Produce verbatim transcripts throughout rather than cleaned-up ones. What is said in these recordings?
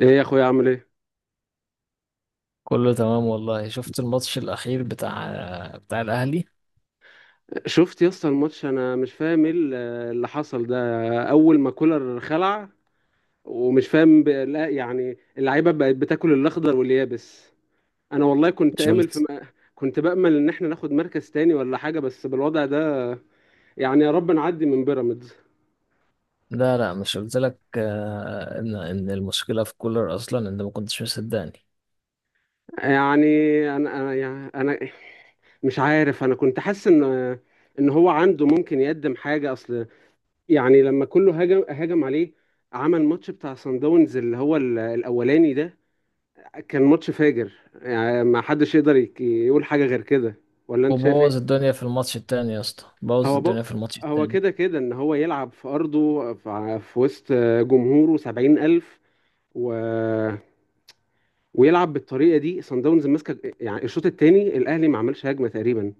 ايه يا اخويا، عامل ايه؟ كله تمام والله. شفت الماتش الأخير بتاع بتاع الأهلي. شفت يا اسطى الماتش، انا مش فاهم ايه ال- اللي حصل ده. اول ما كولر خلع ومش فاهم ب... لا يعني اللعيبه بقت بتاكل الاخضر واليابس. انا والله كنت مش امل في م... قلت؟ كنت بامل ان احنا ناخد مركز تاني ولا حاجه، بس بالوضع ده يعني يا رب نعدي من بيراميدز. لا لا، مش قلت لك آه، إن إن المشكلة في كولر أصلا؟ أنت ما كنتش مصدقني. يعني انا انا يعني انا مش عارف، انا كنت حاسس ان ان هو عنده ممكن يقدم حاجه. اصل يعني لما كله هاجم هاجم عليه، عمل ماتش بتاع سان داونز اللي هو ال- الاولاني ده، كان ماتش فاجر يعني. ما حدش يقدر يك- يقول حاجه غير كده، ولا انت شايف وبوظ ايه؟ الدنيا في الماتش التاني يا اسطى، بوظ هو بق... الدنيا في الماتش هو التاني. كده كده ان هو يلعب في ارضه، في في وسط جمهوره سبعين الف، و... ويلعب بالطريقه دي، سان داونز ماسكه. يعني الشوط الثاني الاهلي ما عملش هجمه تقريبا.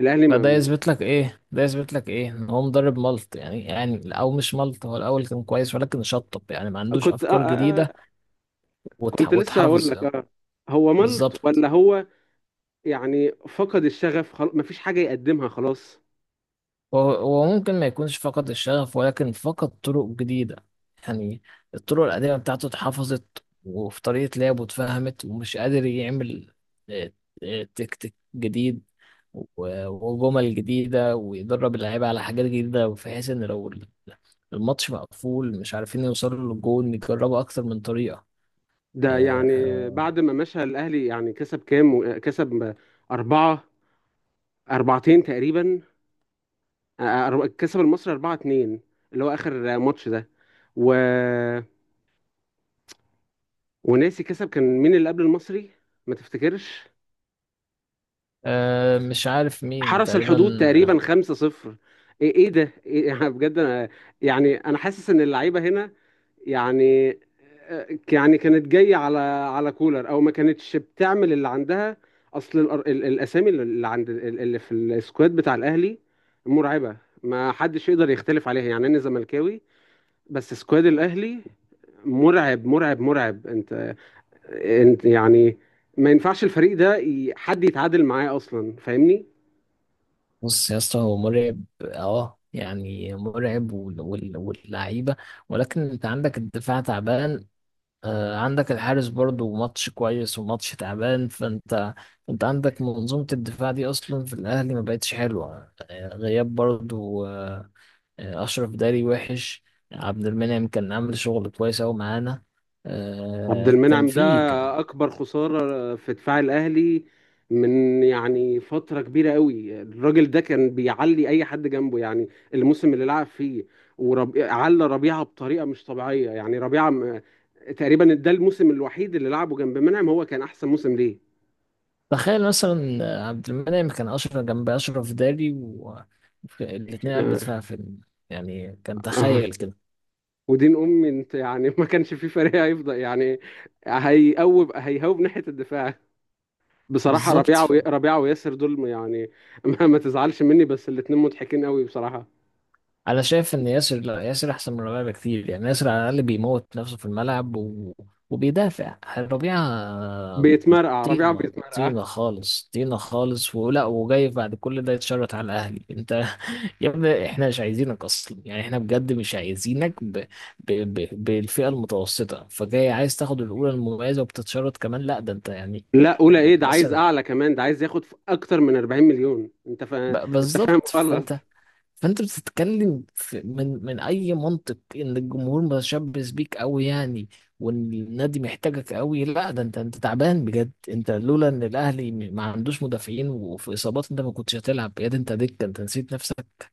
الاهلي فده ما يثبت لك إيه؟ ده يثبت لك إيه؟ إن هو مدرب ملط، يعني يعني أو مش ملط، هو الأول كان كويس ولكن شطب يعني، ما عندوش كنت آه أفكار آه آه، جديدة وتح- كنت لسه هقول وتحافظ. لك، آه. هو ملط، بالظبط. ولا هو يعني فقد الشغف؟ خلاص مفيش حاجة يقدمها، خلاص. هو هو ممكن ما يكونش فقد الشغف ولكن فقد طرق جديدة. يعني الطرق القديمة بتاعته اتحفظت، وفي طريقة لعبه اتفهمت، ومش قادر يعمل آه، آه، تكتيك جديد و- وجمل جديدة، ويدرب اللعيبة على حاجات جديدة بحيث إن لو الماتش مقفول مش عارفين يوصلوا للجون يجربوا أكتر من طريقة. ده آه، يعني آه، بعد ما مشى الأهلي يعني كسب كام؟ كسب أربعة، أربعتين تقريبا. آه، أر- كسب المصري أربعة اتنين، اللي هو آخر ماتش ده. و... وناسي كسب، كان مين اللي قبل المصري؟ ما تفتكرش؟ آه، مش عارف مين حرس تقريبا. الحدود تقريبا خمسة صفر. ايه؟ إيه ده إيه أنا بجد، انا يعني انا حاسس ان اللعيبه هنا، يعني آه، يعني كانت جايه على على كولر، او ما كانتش بتعمل اللي عندها. اصل الأر- ال- الاسامي اللي عند اللي في السكواد بتاع الاهلي مرعبه. ما حدش يقدر يختلف عليها، يعني انا زملكاوي بس سكواد الاهلي مرعب مرعب مرعب. انت انت يعني ما ينفعش الفريق ده ي- حد يتعادل معاه اصلا، فاهمني؟ بص يا اسطى، هو مرعب اه يعني، مرعب وال- وال- واللعيبه، ولكن انت عندك الدفاع تعبان، آه، عندك الحارس برضو ماتش كويس وماتش تعبان. فانت انت عندك منظومه الدفاع دي اصلا في الاهلي ما بقتش حلوه، آه، غياب برضو. آه، آه، اشرف داري وحش. عبد المنعم كان عامل شغل كويس قوي معانا، عبد آه، كان المنعم ده فيه اكبر خساره في دفاع الاهلي من يعني فتره كبيره قوي. الراجل ده كان بيعلي اي حد جنبه يعني، الموسم اللي لعب فيه وربي... على ربيعه بطريقه مش طبيعيه. يعني ربيعه م... تقريبا ده الموسم الوحيد اللي لعبه جنب منعم هو كان احسن موسم ليه. تخيل مثلا عبد المنعم كان أشرف جنب أشرف داري، والاتنين قلبت آه، فيها فيلم. يعني كان، آه. تخيل كده. ودين امي، انت يعني ما كانش في فريق هيفضل يعني هيقوب هيهوب ناحيه الدفاع. بصراحة ربيعة بالظبط. و... ربيعة وياسر دول يعني ما, ما تزعلش مني، بس الاتنين مضحكين قوي بصراحة. أنا شايف إن ياسر، لا ياسر أحسن من ربيعة بكتير. يعني ياسر على الأقل بيموت نفسه في الملعب و... وبيدافع. ربيعة بيتمرقع ربيعة طينة، بيتمرقع. طينة خالص، طينة خالص. ولا وجاي بعد كل ده يتشرط على الأهلي؟ أنت يا ابني احنا مش عايزينك اصلا. يعني احنا بجد مش عايزينك ب... ب... ب... بالفئه المتوسطه، فجاي عايز تاخد الاولى المميزه وبتتشرط كمان؟ لا ده انت يعني. لا، طب أولى إيه؟ ده عايز مثلا أعلى كمان، ده عايز ياخد ف- أكتر من أربعين مليون. أنت فا... ب... أنت بالظبط. فاهم غلط. فانت فانت بتتكلم في... من من اي منطق ان الجمهور متشبث بيك قوي يعني، وان النادي محتاجك قوي؟ لا ده انت انت تعبان بجد. انت لولا ان الاهلي ما عندوش مدافعين وفي اصابات انت ما كنتش هتلعب. يا ده انت دكه، انت نسيت نفسك.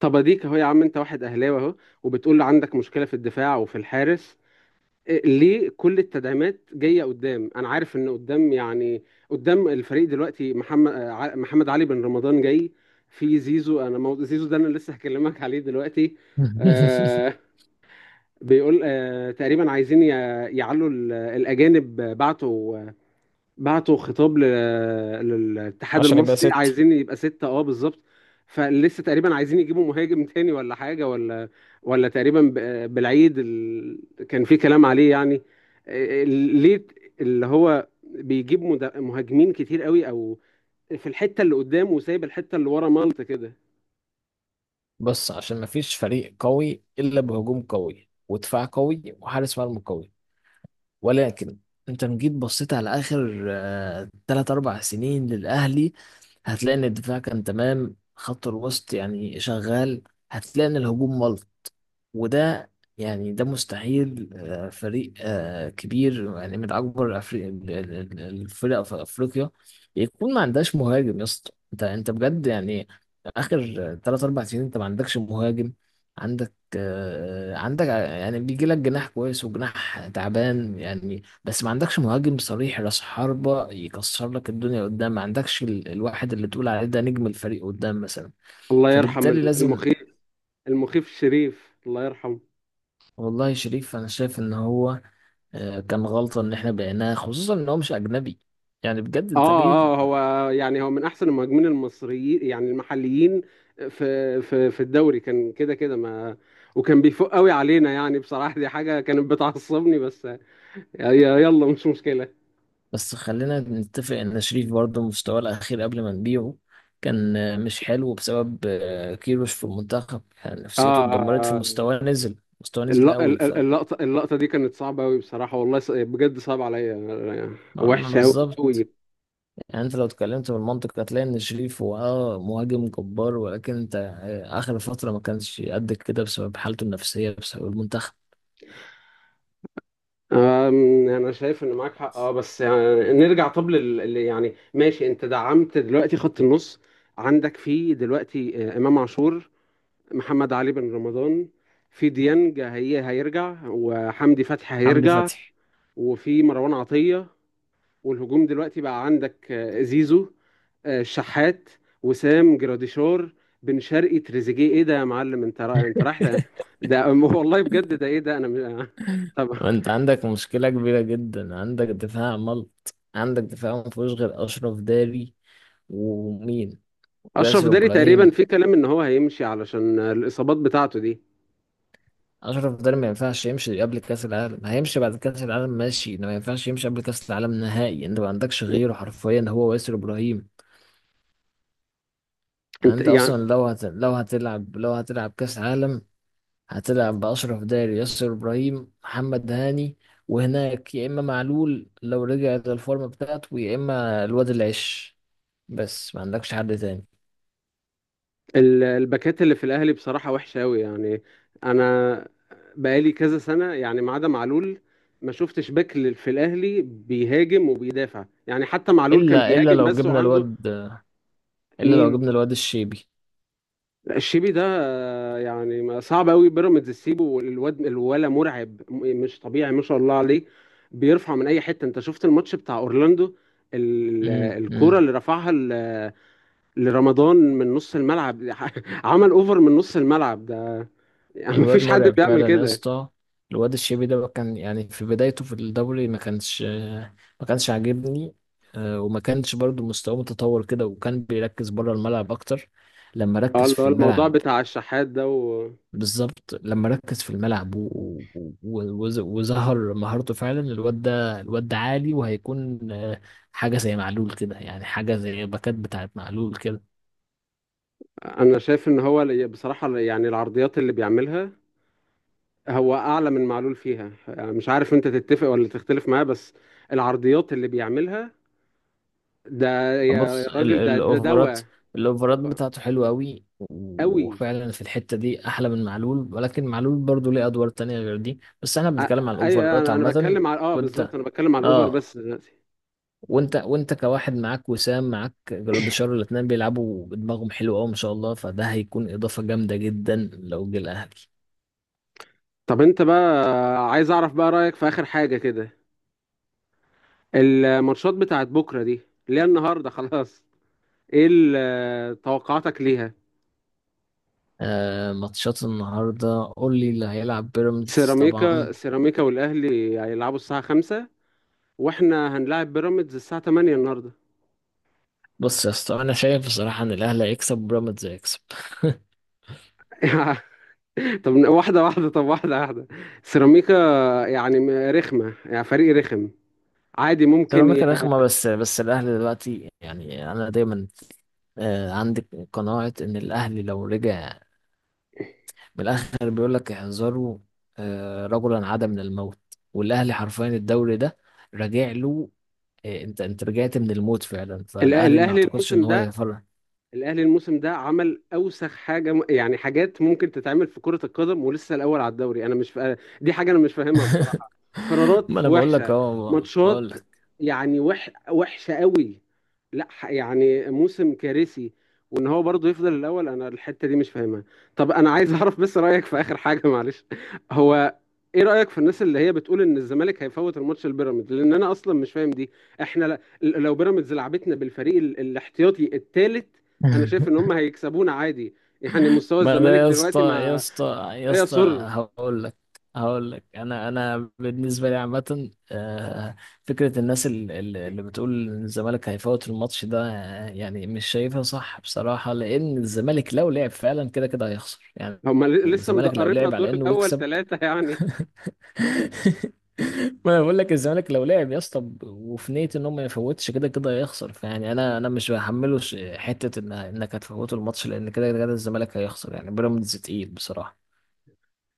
طب أديك أهو يا عم، أنت واحد أهلاوي أهو، وبتقول عندك مشكلة في الدفاع وفي الحارس. ليه كل التدعيمات جايه قدام؟ انا عارف ان قدام يعني، قدام الفريق دلوقتي محمد آه، ع- محمد علي بن رمضان جاي، في زيزو. انا مو... زيزو ده انا لسه هكلمك عليه دلوقتي. آه بيقول آه تقريبا عايزين ي- يعلوا ال- الاجانب. بعتوا بعتوا خطاب ل- للاتحاد عشان يبقى المصري، ست. عايزين يبقى ستة، اه بالظبط. فلسه تقريبا عايزين يجيبوا مهاجم تاني ولا حاجة. ولا ولا تقريبا ب- بالعيد ال... كان في كلام عليه يعني، ال- ليه اللي هو بيجيب مد- مهاجمين كتير قوي، او في الحتة اللي قدام وسايب الحتة اللي ورا ملط كده. بص، عشان مفيش فريق قوي إلا بهجوم قوي ودفاع قوي وحارس مرمى قوي. ولكن انت لو جيت بصيت على آخر آه، تلات أربع سنين للأهلي، هتلاقي إن الدفاع كان تمام، خط الوسط يعني شغال، هتلاقي إن الهجوم ملط. وده يعني، ده مستحيل. آه، فريق آه، كبير يعني من اكبر أفري- ال- ال- ال- الفرق في افريقيا يكون ما عندهاش مهاجم. يا اسطى انت انت بجد يعني، اخر ثلاثة أربعة سنين انت ما عندكش مهاجم. عندك آه، عندك ع- يعني بيجي لك جناح كويس وجناح تعبان يعني، بس ما عندكش مهاجم صريح، راس حربة يكسر لك الدنيا قدام. ما عندكش ال- الواحد اللي تقول عليه ده نجم الفريق قدام مثلا. الله يرحم فبالتالي ال- لازم. المخيف، المخيف الشريف الله يرحمه. والله شريف انا شايف ان هو آه، كان غلطة إن إحنا بعناه، خصوصا إن هو مش أجنبي. يعني بجد أنت ليه. اه اه هو يعني هو من احسن المهاجمين المصريين يعني المحليين، في في في الدوري كان كده كده ما وكان بيفوق قوي علينا يعني. بصراحة دي حاجة كانت بتعصبني، بس ي- يلا مش مشكلة. بس خلينا نتفق إن شريف برضه مستواه الأخير قبل ما نبيعه كان آه، مش حلو بسبب آه، كيروش في المنتخب. يعني اه، نفسيته اتدمرت، آه، آه. فمستواه نزل. مستواه نزل الل- قوي ال- ف... ال- اللقطة اللقطة دي كانت صعبة قوي بصراحة، والله ص- بجد صعبة عليا، ما- ما وحشة قوي بالظبط. قوي. يعني أنت لو اتكلمت بالمنطق هتلاقي إن شريف هو أه مهاجم جبار، ولكن أنت آه، آخر فترة ما كانش قد كده بسبب حالته النفسية، بسبب المنتخب. أم، انا شايف ان معاك حق، اه، بس يعني نرجع. طب لل لل- يعني ماشي، انت دعمت دلوقتي خط النص. عندك فيه دلوقتي آه، امام عاشور، محمد علي بن رمضان، في ديانج هي هيرجع، وحمدي فتحي حمدي هيرجع، فتحي. وفي مروان عطية. والهجوم دلوقتي بقى عندك آه، زيزو، آه، الشحات، وسام جراديشار، بن شرقي، تريزيجيه. ايه ده يا معلم؟ انت را... انت رايح ده. ده- والله بجد. ده ايه ده؟ انا م... طب. ما انت عندك مشكلة كبيرة جدا، عندك دفاع ملط، عندك دفاع ما فيهوش غير أشرف داري ومين؟ اشرف وياسر داري تقريبا إبراهيم. في كلام ان هو هيمشي علشان الاصابات بتاعته دي. أشرف داري ما ينفعش يمشي قبل كأس العالم، هيمشي بعد كأس العالم ماشي، إنه ما ينفعش يمشي قبل كأس العالم نهائي. أنت ما عندكش غيره حرفيا، هو وياسر إبراهيم. يعني انت أنت يعني أصلا لو هت... لو هتلعب لو هتلعب كأس عالم، هتلعب بأشرف داري، ياسر إبراهيم، محمد هاني. وهناك يا إما معلول لو رجع للفورمة بتاعته، يا إما الواد العش. بس ما عندكش حد تاني ال- الباكات اللي في الاهلي بصراحه وحشه قوي يعني. انا بقالي كذا سنه يعني، ما عدا معلول، ما شفتش باك لل- في الاهلي بيهاجم وبيدافع، يعني حتى معلول كان إلا إلا بيهاجم لو بس جبنا وعنده. الواد إلا لو مين؟ جبنا الواد الشيبي. الشيبي ده، آه، يعني ما- صعب قوي بيراميدز تسيبه، والواد الولا مرعب، م- مش طبيعي ما شاء الله عليه. بيرفع من اي حته. انت شفت الماتش بتاع اورلاندو، ال- امم الكرة امم اللي رفعها ل- لرمضان من نص الملعب عمل اوفر من نص الملعب ده، يعني الواد مفيش حد مرعب بيعمل فعلا يا كده. اسطى. الواد الشيبي ده كان، يعني في بدايته في الدوري ما كانش ما كانش عاجبني، آه، وما كانش برضو مستواه متطور كده، وكان بيركز بره الملعب أكتر. لما اه، ركز اللي في هو الموضوع الملعب، بتاع الشحات ده. وانا بالظبط لما ركز في الملعب و- و- و- وز- وظهر مهارته فعلا. الواد ده، الواد ده عالي وهيكون آه، حاجة زي معلول كده، يعني حاجة زي باكات بتاعت معلول كده. شايف ان هو ال- بصراحة يعني العرضيات اللي بيعملها، هو اعلى من معلول فيها، يعني مش عارف انت تتفق ولا تختلف معاه، بس العرضيات اللي بيعملها ده، يا بص ال- راجل ده ده الاوفرات، دواء الاوفرات بتاعته حلوة قوي، قوي. وفعلا في الحتة دي احلى من معلول، ولكن معلول برضو ليه ادوار تانية غير دي، بس احنا أ- بنتكلم على ايوه، الاوفرات انا أنا عامة. بتكلم على، اه، بالظبط، وانت انا بتكلم على الاوفر اه بس دلوقتي. وانت وانت كواحد معاك وسام، معاك جراديشار، الاتنين بيلعبوا بدماغهم حلو قوي ما شاء الله، فده هيكون اضافه جامده جدا لو جه الاهلي. طب انت بقى، عايز اعرف بقى رايك في اخر حاجه كده. الماتشات بتاعت بكره دي اللي هي النهارده خلاص، ايه ال- توقعاتك ليها؟ آه ماتشات النهارده، قول لي اللي هيلعب. بيراميدز سيراميكا، طبعا. سيراميكا والاهلي هيلعبوا الساعه خمسة، واحنا هنلاعب بيراميدز الساعه تمانية النهارده. بص يا اسطى، انا شايف بصراحه ان الاهلي هيكسب وبيراميدز هيكسب. طب واحده واحده، طب واحده واحده سيراميكا يعني، م- رخمه، يعني فريق رخم عادي، ممكن ي... سيراميكا رخمه، بس بس الاهلي دلوقتي يعني انا دايما آه عندي قناعه ان الاهلي لو رجع، من الاخر بيقول لك احذروا آه، رجلا عاد من الموت. والاهلي حرفيا الدوري ده راجع له. آه، انت انت رجعت من الموت فعلا، الأ- فالاهلي ما الاهلي اعتقدش ان الموسم هو ده يفرق. الاهلي الموسم ده عمل اوسخ حاجه، م- يعني حاجات ممكن تتعمل في كره القدم، ولسه الاول على الدوري. انا مش فا... دي حاجه انا مش فاهمها بصراحه، ما قرارات انا بقول لك وحشه، اهو، بقول ماتشات لك. يعني وح... وحشه قوي. لا، ح- يعني موسم كارثي، وان هو برضه يفضل الاول. انا الحته دي مش فاهمها. طب انا عايز اعرف بس رايك في اخر حاجه، معلش، هو، ايه رايك في الناس اللي هي بتقول ان الزمالك هيفوت الماتش البيراميدز؟ لان انا اصلا مش فاهم دي. احنا ل- لو بيراميدز لعبتنا بالفريق ال- الاحتياطي الثالث، انا شايف ان هم هيكسبونا عادي. يعني مستوى ما ده الزمالك يا اسطى دلوقتي يا ما... اسطى يا لا اسطى، يسر. هقول لك هقول لك انا انا بالنسبه لي عامه، آه، فكره الناس ال- ال- اللي بتقول ان الزمالك هيفوت الماتش ده، آه، يعني مش شايفها صح بصراحه، لان الزمالك لو لعب فعلا كده كده هيخسر يعني. هم ل- لسه الزمالك لو مدقرنا لعب على الدور انه الاول يكسب. ثلاثة يعني. ما انا بقول لك الزمالك لو لعب يا اسطى ب- وفي نية ان هو ما يفوتش، كده كده هيخسر. فيعني انا، انا مش بحمله ش- حتة ان انك هتفوته الماتش، لان كده كده الزمالك هيخسر. يعني بيراميدز تقيل بصراحة.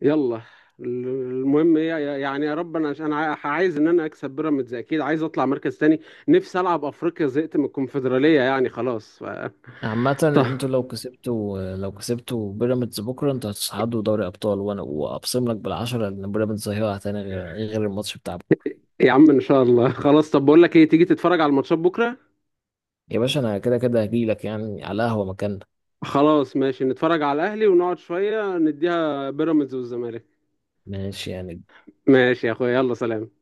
يلا، ال- المهم إيه، يعني يا رب، انا انا ع- عايز ان انا اكسب بيراميدز، اكيد عايز اطلع مركز تاني. نفسي العب افريقيا، زهقت من الكونفدرالية يعني خلاص. ف... عامة، طب. انتوا لو كسبتوا لو كسبتوا بيراميدز بكرة، انتوا هتصعدوا دوري ابطال، وانا واقسم لك بالعشرة ان بيراميدز هيقع تاني غير غير الماتش بتاع بكرة. يا عم ان شاء الله خلاص، طب بقول لك ايه، تيجي تتفرج على الماتشات بكرة؟ يا باشا انا كده كده هجيلك يعني، على قهوة مكاننا. خلاص ماشي، نتفرج على الاهلي ونقعد شوية نديها بيراميدز والزمالك. ماشي يعني. ماشي يا اخويا، يلا سلام.